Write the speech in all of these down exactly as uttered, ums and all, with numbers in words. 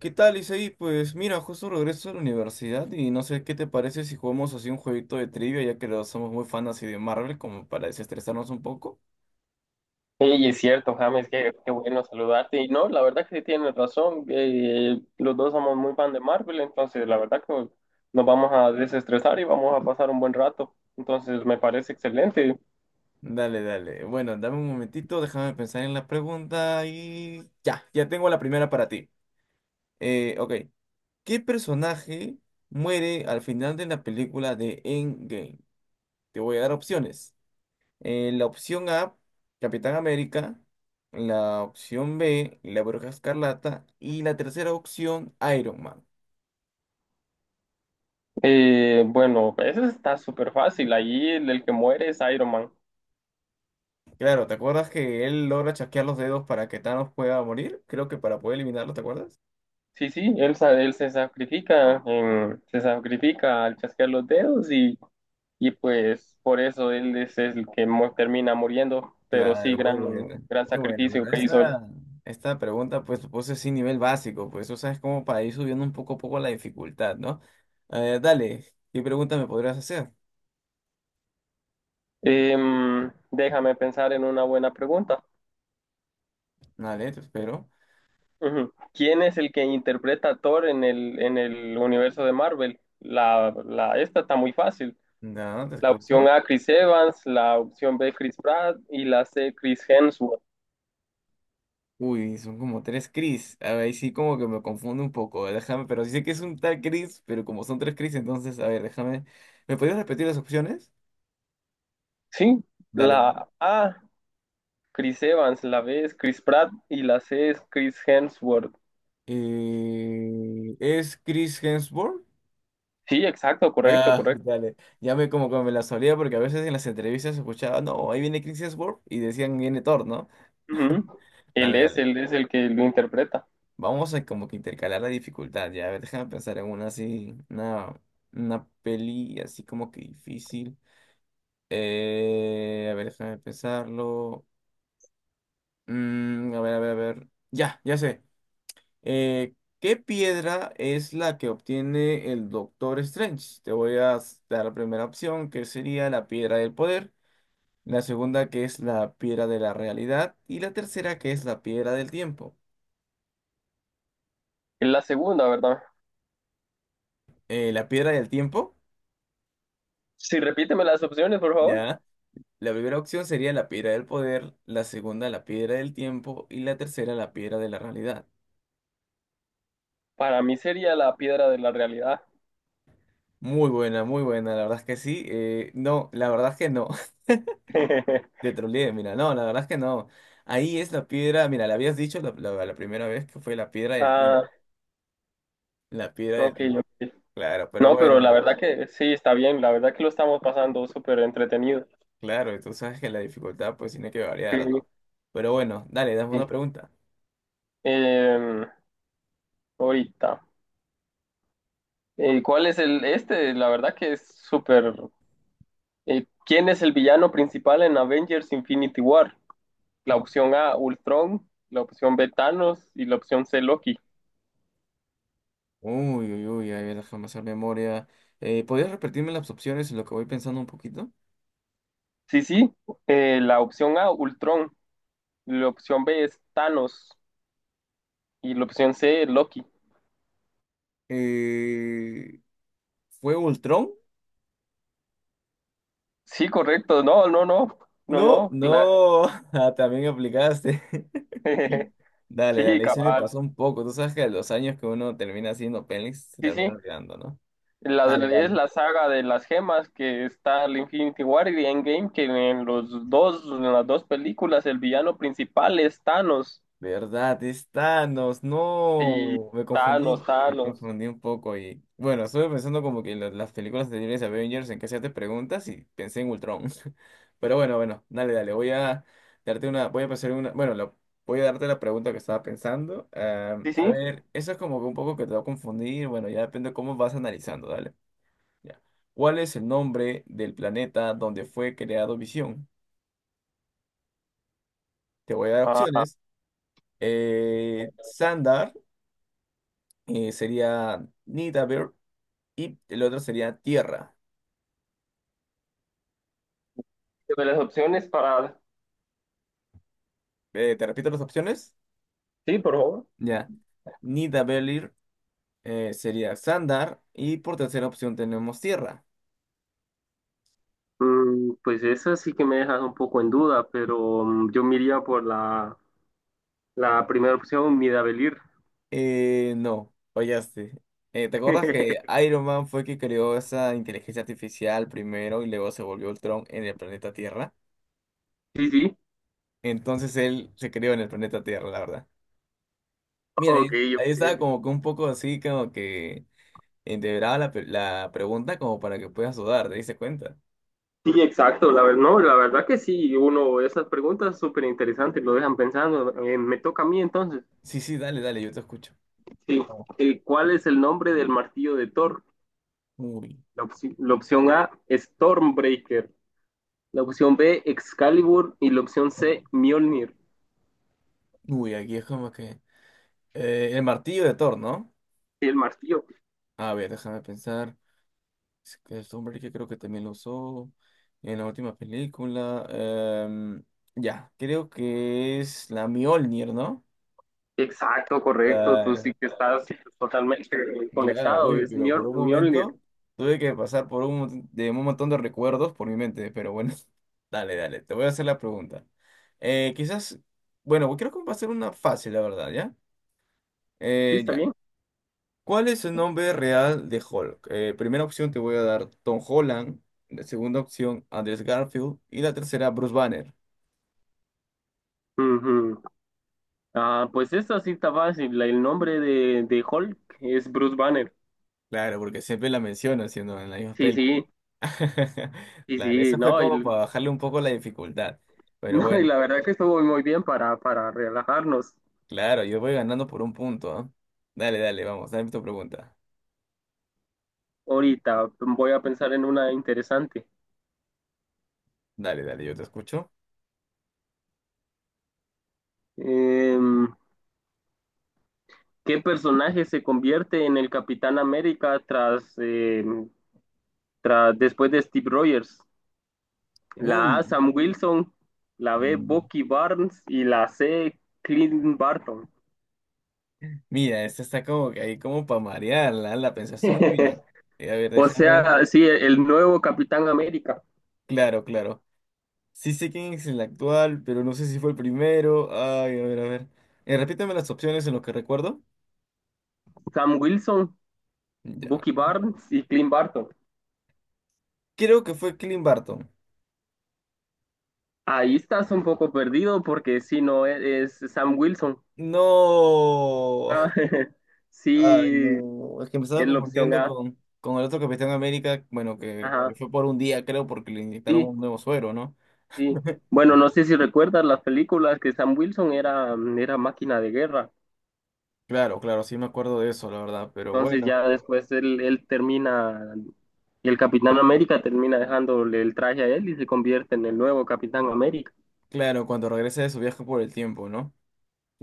¿Qué tal, Isaí? Pues mira, justo regreso a la universidad y no sé qué te parece si jugamos así un jueguito de trivia, ya que los somos muy fans así de Marvel, como para desestresarnos un poco. Sí, es cierto, James, qué, qué bueno saludarte. Y no, la verdad que sí tienes razón. Eh, los dos somos muy fan de Marvel, entonces la verdad que nos vamos a desestresar y vamos a pasar un buen rato. Entonces me parece excelente. Dale, dale. Bueno, dame un momentito, déjame pensar en la pregunta y ya, ya tengo la primera para ti. Eh, ok, ¿qué personaje muere al final de la película de Endgame? Te voy a dar opciones. Eh, la opción A, Capitán América. La opción B, la Bruja Escarlata. Y la tercera opción, Iron Man. Eh, bueno, eso está súper fácil. Ahí el, el que muere es Iron Man. Claro, ¿te acuerdas que él logra chasquear los dedos para que Thanos pueda morir? Creo que para poder eliminarlo, ¿te acuerdas? Sí, sí, él, sa- él se sacrifica, en- se sacrifica al chasquear los dedos y, y pues por eso él es el que mu- termina muriendo. Pero sí, Claro, muy gran, buena, gran muy buena. sacrificio Bueno, que hizo. esta, esta pregunta pues supuse sin nivel básico, pues o sea, es como para ir subiendo un poco a poco la dificultad, ¿no? Eh, dale, ¿qué pregunta me podrías hacer? Em, déjame pensar en una buena pregunta. Dale, te espero. Ujú. ¿Quién es el que interpreta a Thor en el, en el universo de Marvel? La, la, esta está muy fácil. No, te La escucho. opción A, Chris Evans, la opción B, Chris Pratt y la C, Chris Hemsworth. Uy, son como tres Chris. A ver, ahí sí como que me confundo un poco. Déjame, pero sí sé que es un tal Chris, pero como son tres Chris, entonces, a ver, déjame. ¿Me podrías repetir las opciones? Sí, Dale, la dale. A, Chris Evans, la B es Chris Pratt y la C es Chris Hemsworth. Eh, ¿es Chris Hemsworth? Sí, exacto, correcto, Ah, correcto. dale. Ya me como que me la solía porque a veces en las entrevistas escuchaba, no, ahí viene Chris Hemsworth y decían, viene Thor, ¿no? Ujú. Él Dale, es, dale. él es el que lo interpreta. Vamos a como que intercalar la dificultad, ya. A ver, déjame pensar en una así, una, una peli así como que difícil. Eh, a ver, déjame pensarlo. Mm, a ver, a ver, a ver. Ya, ya sé. Eh, ¿qué piedra es la que obtiene el Doctor Strange? Te voy a dar la primera opción, que sería la piedra del poder. La segunda, que es la piedra de la realidad. Y la tercera, que es la piedra del tiempo. Es la segunda, ¿verdad? Eh, la piedra del tiempo, Sí, repíteme las opciones, por favor. ya. La primera opción sería la piedra del poder. La segunda, la piedra del tiempo. Y la tercera, la piedra de la realidad. Para mí sería la piedra de la realidad. Muy buena, muy buena, la verdad es que sí. Eh, no, la verdad es que no. Te troleé, mira, no, la verdad es que no. Ahí es la piedra, mira, la habías dicho la, la- la primera vez que fue la piedra del tiempo. Ah, La piedra del ok, tiempo. ok. Claro, pero No, pero bueno, la eh, verdad que sí, está bien. La verdad que lo estamos pasando súper entretenido. claro, y tú sabes que la dificultad pues tiene que Sí, variar, sí. ¿no? Pero bueno, dale, dame una Sí. pregunta. Em, Ahorita. Eh, ¿cuál es el este? La verdad que es súper. Eh, ¿quién es el villano principal en Avengers Infinity War? La opción A, Ultron. La opción B, Thanos. Y la opción C, Loki. Uy, uy, uy, ahí déjame hacer memoria. Eh, ¿podrías repetirme las opciones en lo que voy pensando un poquito? Sí, sí. Eh, la opción A, Ultron. La opción B es Thanos. Y la opción C, Loki. Eh, ¿fue Ultron? Sí, correcto. No, no, no. No, No, no. la- no, ah, también aplicaste. Dale, Sí, dale, y se me cabal. pasó un poco. Tú sabes que a los años que uno termina haciendo pelis se Sí, termina sí. olvidando, ¿no? La, Dale, es dale. la saga de las gemas que está el Infinity War y Endgame, que en los dos, en las dos películas, el villano principal es Thanos. ¿Verdad? Es Thanos, Sí, no. Me Thanos, confundí, me Thanos. confundí un poco y. Bueno, estuve pensando como que la- las películas anteriores de Avengers en que hacías preguntas y pensé en Ultron. Pero bueno, bueno, dale, dale. Voy a darte una. Voy a pasar una. Bueno, la- voy a darte la pregunta que estaba pensando. Ah, Sí, a sí. ver, eso es como que un poco que te va a confundir. Bueno, ya depende de cómo vas analizando, dale. Ya. ¿Cuál es el nombre del planeta donde fue creado Visión? Te voy a dar Ajá. opciones. Eh, Sandar eh, Sería Nidavellir y el otro sería Tierra. De las opciones para... Eh, ¿te repito las opciones? Sí, por favor. Ya. Nidavellir eh, Sería Sandar y por tercera opción tenemos Tierra. Mm, pues esa sí que me dejas un poco en duda, pero mm, yo me iría por la, la primera opción, Midavellir. Eh, no, fallaste. Eh, ¿te acuerdas que Iron Man fue quien creó esa inteligencia artificial primero y luego se volvió Ultron en el planeta Tierra? Sí, sí. Entonces él se crió en el planeta Tierra, la verdad. Mira, ahí, Ok, ahí estaba ok. como que un poco así, como que entreveraba la, pe- la pregunta como para que puedas dudar, ¿te diste cuenta? Sí, exacto, la, ver- no, la verdad que sí, uno, esas preguntas súper interesantes lo dejan pensando. Eh, me toca a mí entonces. Sí, sí, dale, dale, yo te escucho. Sí, Vamos. el, ¿cuál es el nombre del martillo de Thor? Uy, La, opci- la opción A, Stormbreaker. La opción B, Excalibur. Y la opción C, Mjolnir. uy, aquí es como que... eh, el martillo de Thor, ¿no? El martillo. A ver, déjame pensar. Es que es hombre que creo que también lo usó en la última película. Em, ya, creo que es la Mjolnir, ¿no? Exacto, correcto. Tú sí que estás totalmente Claro, conectado. oye, Es pero por Mjol- un Mjolnir. momento tuve que pasar por un, mon- de un montón de recuerdos por mi mente, pero bueno, dale, dale, te voy a hacer la pregunta. Eh, quizás, bueno, creo que va a ser una fácil, la verdad, ¿ya? Sí, Eh, está ya. bien. ¿Cuál es el nombre real de Hulk? Eh, primera opción te voy a dar Tom Holland, la segunda opción Andrew Garfield y la tercera Bruce Banner. Ujú. Ah, pues esta sí está fácil. La- El nombre de, de Hulk es Bruce Banner. Claro, porque siempre la menciono siendo en la misma Sí, peli. sí. Y Claro, sí, eso fue no, y, como para bajarle un poco la dificultad, pero no, y bueno. la verdad que estuvo muy bien para, para relajarnos. Claro, yo voy ganando por un punto, ¿ah? Dale, dale, vamos, dame tu pregunta. Ahorita voy a pensar en una interesante. Dale, dale, yo te escucho. Em, ¿Qué personaje se convierte en el Capitán América tras, em, tras después de Steve Rogers? La Uy. A, Sam Wilson, la B, mm, Bucky Barnes y la C, Clint Barton. Mira, esta está como que ahí como para marearla, la pensaste muy bien. Eh, a ver, O déjame. sea, sí, el nuevo Capitán América, Claro, claro. Sí sé quién es el actual, pero no sé si fue el primero. Ay, a ver, a ver. Eh, repítame las opciones en lo que recuerdo. Sam Wilson, Ya. Bucky ¿no? Barnes y Clint Barton. Creo que fue Clint Barton. Ahí estás un poco perdido porque si no es es Sam Wilson. No. Ah, Ay, sí, no. Es que me estaba es la opción confundiendo A. con, con el otro Capitán América, bueno, que, que Ajá, fue por un día, creo, porque le inyectaron sí, un nuevo suero, ¿no? sí. Bueno, no sé si recuerdas las películas que Sam Wilson era, era máquina de guerra. Claro, claro, sí me acuerdo de eso, la verdad. Pero Entonces bueno, ya después él, él termina, el Capitán América termina dejándole el traje a él y se convierte en el nuevo Capitán América. claro, cuando regrese de su viaje por el tiempo, ¿no?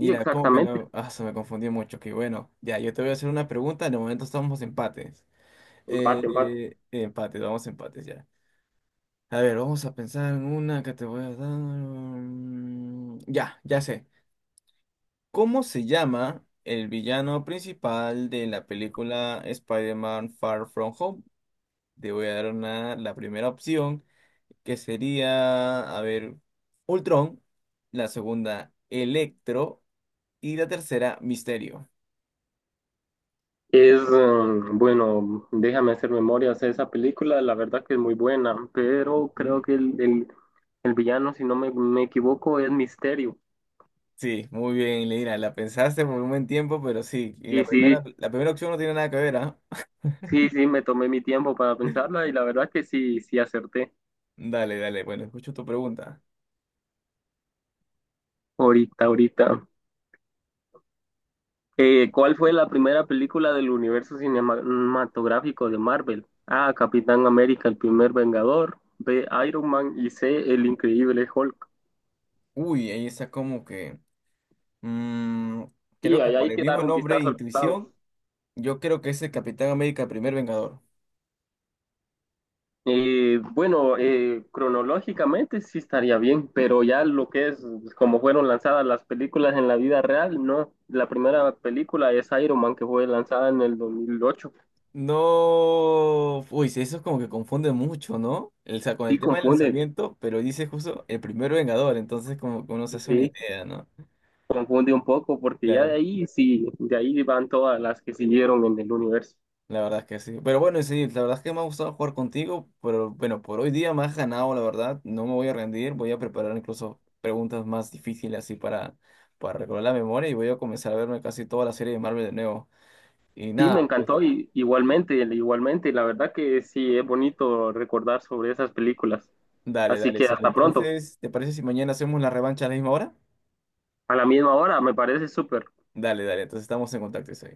Sí, como que exactamente. no. Ah, se me confundió mucho. Que bueno, ya, yo te voy a hacer una pregunta. De momento estamos empates. Eh, Empate, empate. eh, empates, vamos empates ya. A ver, vamos a pensar en una que te voy a dar. mm, Ya, ya sé. ¿Cómo se llama el villano principal de la película Spider-Man Far From Home? Te voy a dar una- la primera opción, que sería, a ver, Ultron, la segunda, Electro y la tercera, Misterio. Es, mm, bueno, déjame hacer memorias. Esa película, la verdad que es muy buena, pero creo ¿Mm? que el, el, el villano, si no me, me equivoco, es Misterio. Sí, muy bien, Leira, la pensaste por un buen tiempo, pero sí, y la Y primera, sí, la primera opción no tiene nada que ver, ¿ah? sí, sí, me tomé mi tiempo para pensarla y la verdad que sí, sí acerté. Dale, dale, bueno, escucho tu pregunta. Ahorita, ahorita. Eh, ¿cuál fue la primera película del universo cinematográfico de Marvel? A, Capitán América, el primer Vengador. B, Iron Man y C, el increíble Hulk. Uy, ahí está como que... mm, Sí, creo que ahí por hay el que dar mismo un nombre, vistazo al pasado. intuición. Yo creo que es el Capitán América, primer Vengador. Eh, bueno, eh, cronológicamente sí estaría bien, pero ya lo que es pues, como fueron lanzadas las películas en la vida real, no. La primera película es Iron Man que fue lanzada en el dos mil ocho. No. Uy, sí, eso es como que confunde mucho, ¿no? El, o sea, con el Sí tema del confunde, lanzamiento, pero dice justo el primer Vengador, entonces como que uno se hace una sí idea, ¿no? confunde un poco porque ya de Claro, ahí sí, de ahí van todas las que siguieron en el universo. la verdad es que sí. Pero bueno, sí, la verdad es que me ha gustado jugar contigo, pero bueno, por hoy día me has ganado, la verdad. No me voy a rendir, voy a preparar incluso preguntas más difíciles así para, para recordar la memoria y voy a comenzar a verme casi toda la serie de Marvel de nuevo. Y Sí, me nada, pues. encantó y, igualmente, igualmente. La verdad que sí es bonito recordar sobre esas películas. Dale, Así dale, que sí. hasta pronto. Entonces, ¿te parece si mañana hacemos la revancha a la misma hora? A la misma hora, me parece súper. Dale, dale, entonces estamos en contacto, sí.